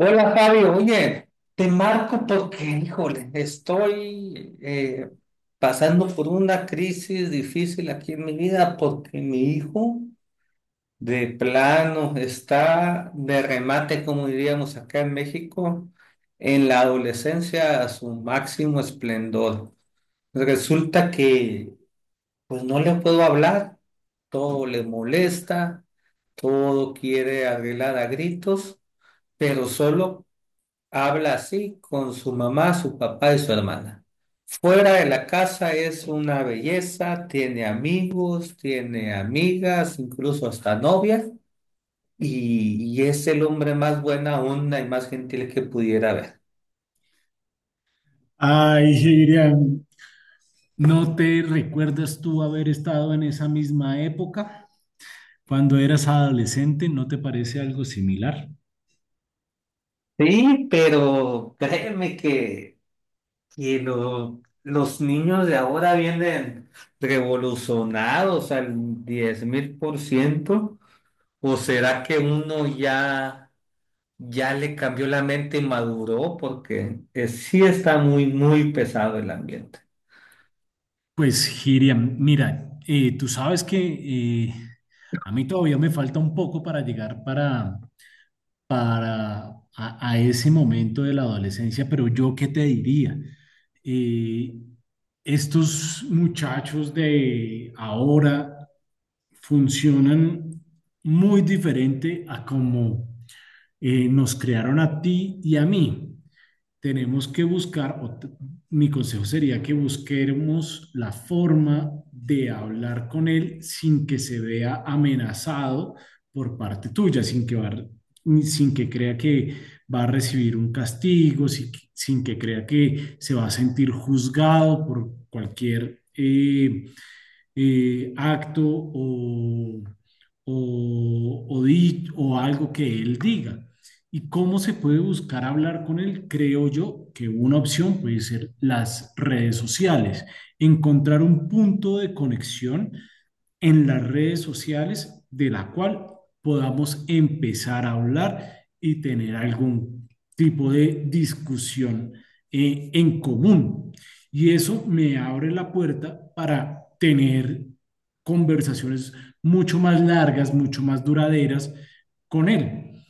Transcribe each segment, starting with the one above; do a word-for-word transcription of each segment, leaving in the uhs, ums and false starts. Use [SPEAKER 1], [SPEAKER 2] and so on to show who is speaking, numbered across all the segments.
[SPEAKER 1] Hola Fabio, oye, te marco porque, híjole, estoy eh, pasando por una crisis difícil aquí en mi vida porque mi hijo de plano está de remate, como diríamos acá en México, en la adolescencia a su máximo esplendor. Resulta que pues no le puedo hablar, todo le molesta, todo quiere arreglar a gritos pero solo habla así con su mamá, su papá y su hermana. Fuera de la casa es una belleza, tiene amigos, tiene amigas, incluso hasta novias y, y es el hombre más buena onda y más gentil que pudiera haber.
[SPEAKER 2] Ay, Girian, ¿no te recuerdas tú haber estado en esa misma época cuando eras adolescente? ¿No te parece algo similar?
[SPEAKER 1] Sí, pero créeme que, que lo- los niños de ahora vienen revolucionados al diez mil por ciento, o será que uno ya... ya le cambió la mente y maduró porque eh, sí está muy, muy pesado el ambiente.
[SPEAKER 2] Pues, Girian, mira, eh, tú sabes que eh, a mí todavía me falta un poco para llegar para, para a, a ese momento de la adolescencia, pero yo qué te diría. Eh, Estos muchachos de ahora funcionan muy diferente a como eh, nos crearon a ti y a mí. Tenemos que buscar, o mi consejo sería que busquemos la forma de hablar con él sin que se vea amenazado por parte tuya, sin que, va sin que crea que va a recibir un castigo, sin, que- sin que crea que se va a sentir juzgado por cualquier eh, eh, acto o, o, o di- o algo que él diga. ¿Y cómo se puede buscar hablar con él? Creo yo que una opción puede ser las redes sociales, encontrar un punto de conexión en las redes sociales de la cual podamos empezar a hablar y tener algún tipo de discusión eh, en común. Y eso me abre la puerta para tener conversaciones mucho más largas, mucho más duraderas con él.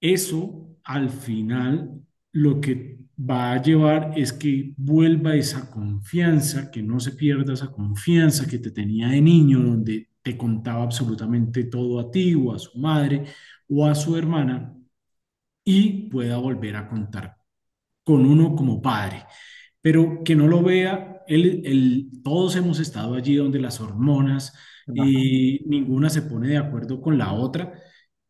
[SPEAKER 2] Eso al final lo que va a llevar es que vuelva esa confianza, que no se pierda esa confianza que te tenía de niño, donde te contaba absolutamente todo a ti o a su madre o a su hermana y pueda volver a contar con uno como padre, pero que no lo vea, él, él- todos hemos estado allí donde las hormonas,
[SPEAKER 1] Ajá.
[SPEAKER 2] eh, ninguna se pone de acuerdo con la otra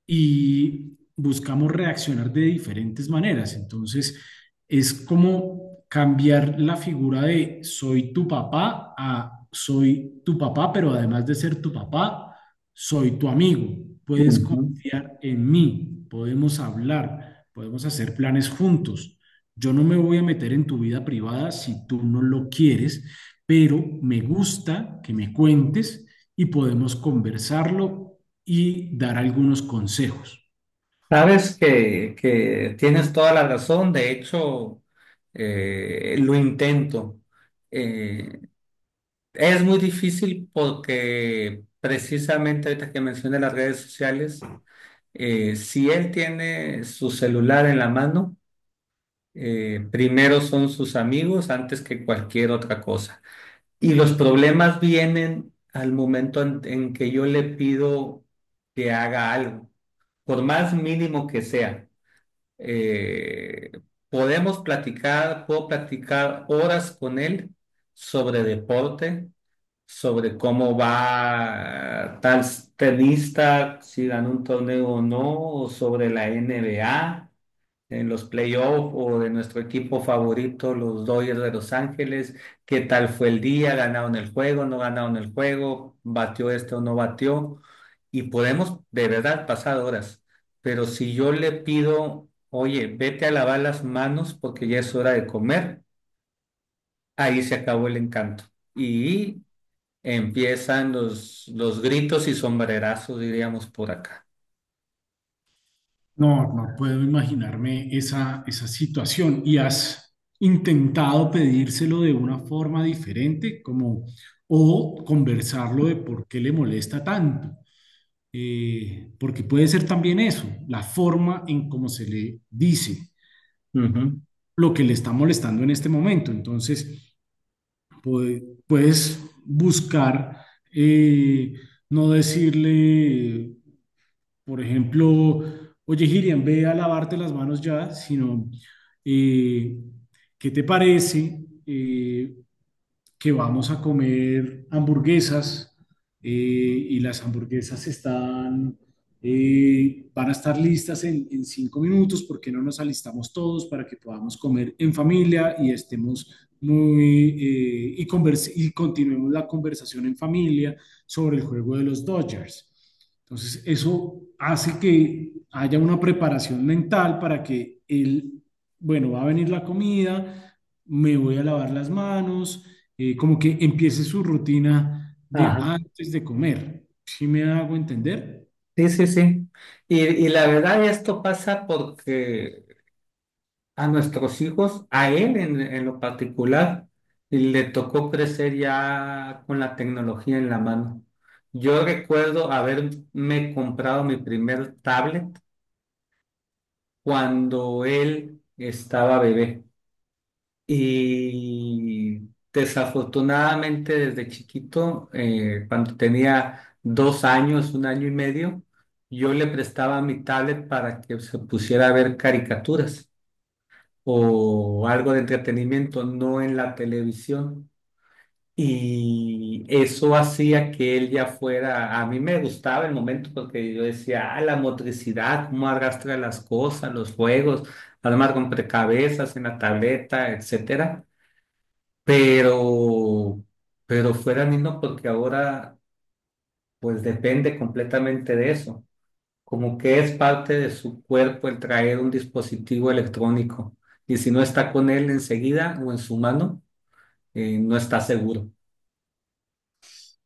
[SPEAKER 2] y buscamos reaccionar de diferentes maneras. Entonces, es como cambiar la figura de soy tu papá a soy tu papá, pero además de ser tu papá, soy tu amigo. Puedes
[SPEAKER 1] Ujú.
[SPEAKER 2] confiar en mí, podemos hablar, podemos hacer planes juntos. Yo no me voy a meter en tu vida privada si tú no lo quieres, pero me gusta que me cuentes y podemos conversarlo y dar algunos consejos.
[SPEAKER 1] Sabes que, que tienes toda la razón, de hecho, eh, lo intento. Eh, es muy difícil porque precisamente ahorita que mencioné las redes sociales, eh, si él tiene su celular en la mano, eh, primero son sus amigos antes que cualquier otra cosa. Y los problemas vienen al momento en, en que yo le pido que haga algo, por más mínimo que sea. Eh, Podemos platicar, puedo platicar horas con él sobre deporte, sobre cómo va tal tenista, si ganó un torneo o no, o sobre la N B A en los playoffs o de nuestro equipo favorito, los Dodgers de Los Ángeles. ¿Qué tal fue el día? ¿Ganaron el juego? ¿No ganaron el juego? ¿Batió este o no batió? Y podemos de verdad pasar horas. Pero si yo le pido, oye, vete a lavar las manos porque ya es hora de comer, ahí se acabó el encanto. Y empiezan los, los gritos y sombrerazos, diríamos por acá.
[SPEAKER 2] No, no puedo imaginarme esa, esa situación. ¿Y has intentado pedírselo de una forma diferente, como o conversarlo de por qué le molesta tanto? Eh, porque puede ser también eso, la forma en cómo se le dice
[SPEAKER 1] Ujú.
[SPEAKER 2] lo que le está molestando en este momento. Entonces, puedes buscar, eh, no decirle, por ejemplo, oye, Girian, ve a lavarte las manos ya, sino, eh, ¿qué te parece? Eh, que vamos a comer hamburguesas, eh, y las hamburguesas están, eh, van a estar listas en, en cinco minutos. Porque no nos alistamos todos para que podamos comer en familia y estemos muy eh, y converse- y continuemos la conversación en familia sobre el juego de los Dodgers? Entonces, eso hace que haya una preparación mental para que el, bueno, va a venir la comida, me voy a lavar las manos, eh, como que empiece su rutina de
[SPEAKER 1] Ajá.
[SPEAKER 2] antes de comer. ¿Sí me hago entender?
[SPEAKER 1] Sí, sí, sí. Y, y la verdad, esto pasa porque a nuestros hijos, a él en, en lo particular, le tocó crecer ya con la tecnología en la mano. Yo recuerdo haberme comprado mi primer tablet cuando él estaba bebé. Y desafortunadamente desde chiquito, eh, cuando tenía dos años, un año y medio, yo le prestaba mi tablet para que se pusiera a ver caricaturas o algo de entretenimiento, no en la televisión. Y eso hacía que él ya fuera, a mí me gustaba el momento porque yo decía, ah, la motricidad, cómo arrastra las cosas, los juegos, armar rompecabezas en la tableta, etcétera, pero, pero fuera niño porque ahora pues depende completamente de eso, como que es parte de su cuerpo el traer un dispositivo electrónico y si no está con él enseguida o en su mano, eh, no está seguro.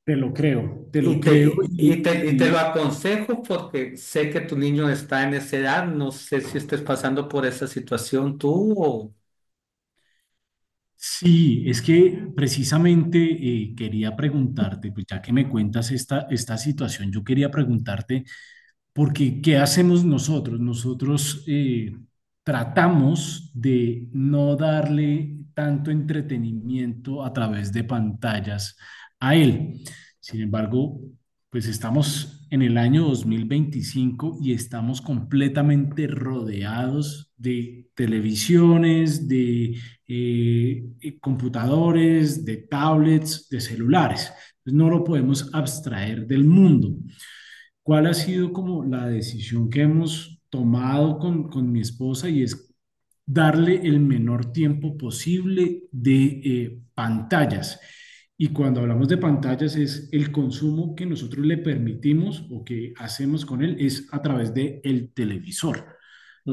[SPEAKER 2] Te lo creo, te lo
[SPEAKER 1] Y
[SPEAKER 2] creo.
[SPEAKER 1] te,
[SPEAKER 2] Y,
[SPEAKER 1] y te, y te lo
[SPEAKER 2] y
[SPEAKER 1] aconsejo porque sé que tu niño está en esa edad, no sé si estés pasando por esa situación tú o...
[SPEAKER 2] sí, es que precisamente eh, quería preguntarte, pues ya que me cuentas esta, esta situación, yo quería preguntarte. Porque ¿qué hacemos nosotros? Nosotros eh, tratamos de no darle tanto entretenimiento a través de pantallas a él. Sin embargo, pues estamos en el año dos mil veinticinco y estamos completamente rodeados de televisiones, de eh, eh, computadores, de tablets, de celulares. Entonces, no lo podemos abstraer del mundo. ¿Cuál ha sido como la decisión que hemos tomado con, con mi esposa? Y es darle el menor tiempo posible de eh, pantallas. Y cuando hablamos de pantallas, es el consumo que nosotros le permitimos o que hacemos con él es a través del televisor,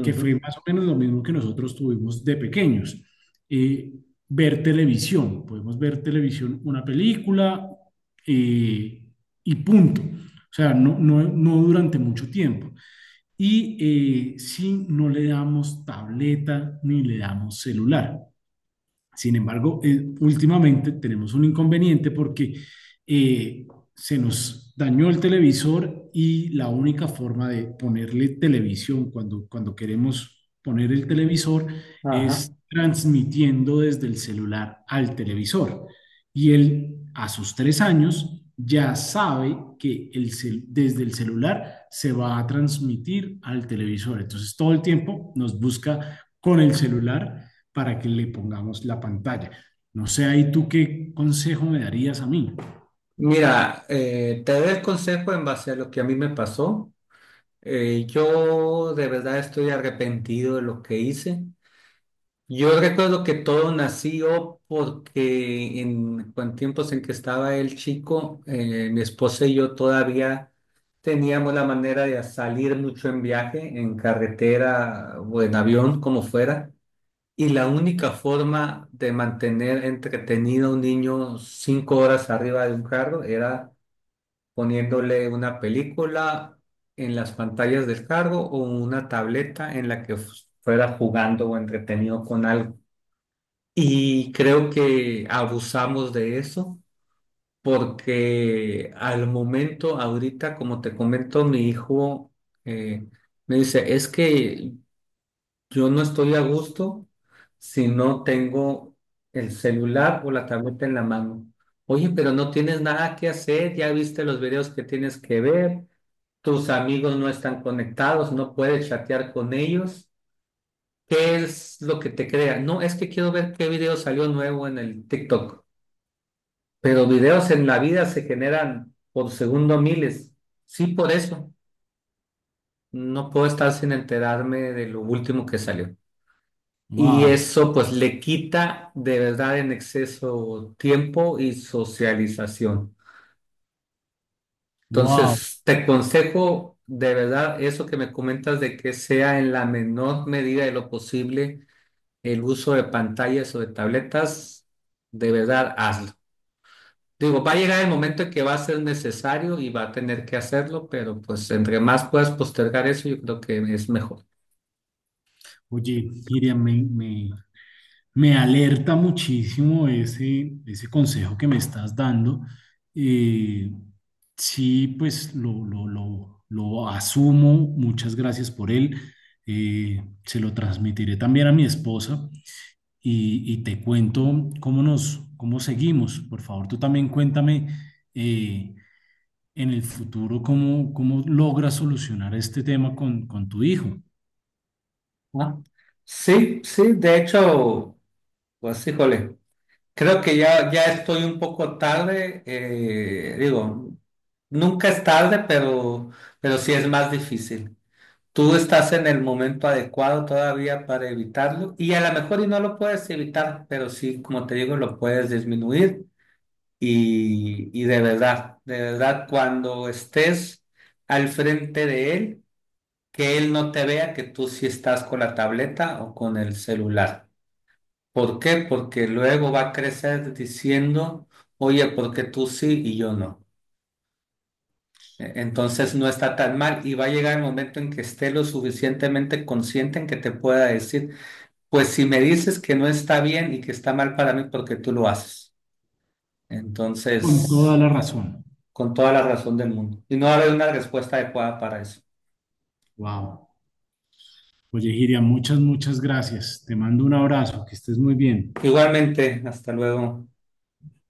[SPEAKER 2] que fue más o menos lo mismo que nosotros tuvimos de pequeños. Eh, Ver televisión, podemos ver televisión, una película, eh, y punto. O sea, no, no, no durante mucho tiempo. Y eh, si no le damos tableta ni le damos celular. Sin embargo, eh, últimamente tenemos un inconveniente porque eh, se nos dañó el televisor y la única forma de ponerle televisión cuando, cuando queremos poner el televisor
[SPEAKER 1] Ajá.
[SPEAKER 2] es transmitiendo desde el celular al televisor. Y él, a sus tres años, ya sabe que el cel- desde el celular se va a transmitir al televisor. Entonces todo el tiempo nos busca con el celular para que le pongamos la pantalla. No sé, ahí tú qué consejo me darías a mí.
[SPEAKER 1] Mira, eh, te doy el consejo en base a lo que a mí me pasó. Eh, yo de verdad estoy arrepentido de lo que hice. Yo recuerdo que todo nació porque en, en tiempos en que estaba el chico, eh, mi esposa y yo todavía teníamos la manera de salir mucho en viaje, en carretera o en avión, como fuera. Y la única forma de mantener entretenido a un niño cinco horas arriba de un carro era poniéndole una película en las pantallas del cargo o una tableta en la que fuera jugando o entretenido con algo. Y creo que abusamos de eso porque al momento, ahorita, como te comento, mi hijo eh, me dice, es que yo no estoy a gusto si no tengo el celular o la tableta en la mano. Oye, pero no tienes nada que hacer, ya viste los videos que tienes que ver, tus amigos no están conectados, no puedes chatear con ellos. ¿Qué es lo que te crea? No, es que quiero ver qué video salió nuevo en el TikTok. Pero videos en la vida se generan por segundo miles. Sí, por eso. No puedo estar sin enterarme de lo último que salió. Y
[SPEAKER 2] Wow,
[SPEAKER 1] eso pues le quita de verdad en exceso tiempo y socialización.
[SPEAKER 2] wow.
[SPEAKER 1] Entonces, te aconsejo de verdad eso que me comentas de que sea en la menor medida de lo posible el uso de pantallas o de tabletas, de verdad hazlo. Digo, va a llegar el momento en que va a ser necesario y va a tener que hacerlo, pero pues entre más puedas postergar eso, yo creo que es mejor,
[SPEAKER 2] Oye, Miriam, me, me, me alerta muchísimo ese, ese consejo que me estás dando. Eh, sí, pues lo, lo, lo, lo asumo. Muchas gracias por él. Eh, se lo transmitiré también a mi esposa y, y te cuento cómo nos, cómo seguimos. Por favor, tú también cuéntame eh, en el futuro cómo, cómo logras solucionar este tema con, con tu hijo.
[SPEAKER 1] ¿no? Sí, sí, de hecho, pues híjole. Creo que ya, ya estoy un poco tarde, eh, digo, nunca es tarde, pero, pero sí es más difícil. Tú estás en el momento adecuado todavía para evitarlo y a lo mejor y no lo puedes evitar, pero sí, como te digo, lo puedes disminuir y, y de verdad, de verdad, cuando estés al frente de él, que él no te vea que tú sí estás con la tableta o con el celular. ¿Por qué? Porque luego va a crecer diciendo, oye, ¿por qué tú sí y yo no? E- Entonces no está tan mal y va a llegar el momento en que esté lo suficientemente consciente en que te pueda decir, pues si me dices que no está bien y que está mal para mí porque tú lo haces.
[SPEAKER 2] Con toda
[SPEAKER 1] Entonces,
[SPEAKER 2] la razón.
[SPEAKER 1] con toda la razón del mundo. Y no va a haber una respuesta adecuada para eso.
[SPEAKER 2] Wow. Oye, Giria, muchas, muchas gracias. Te mando un abrazo, que estés muy bien.
[SPEAKER 1] Igualmente, hasta luego.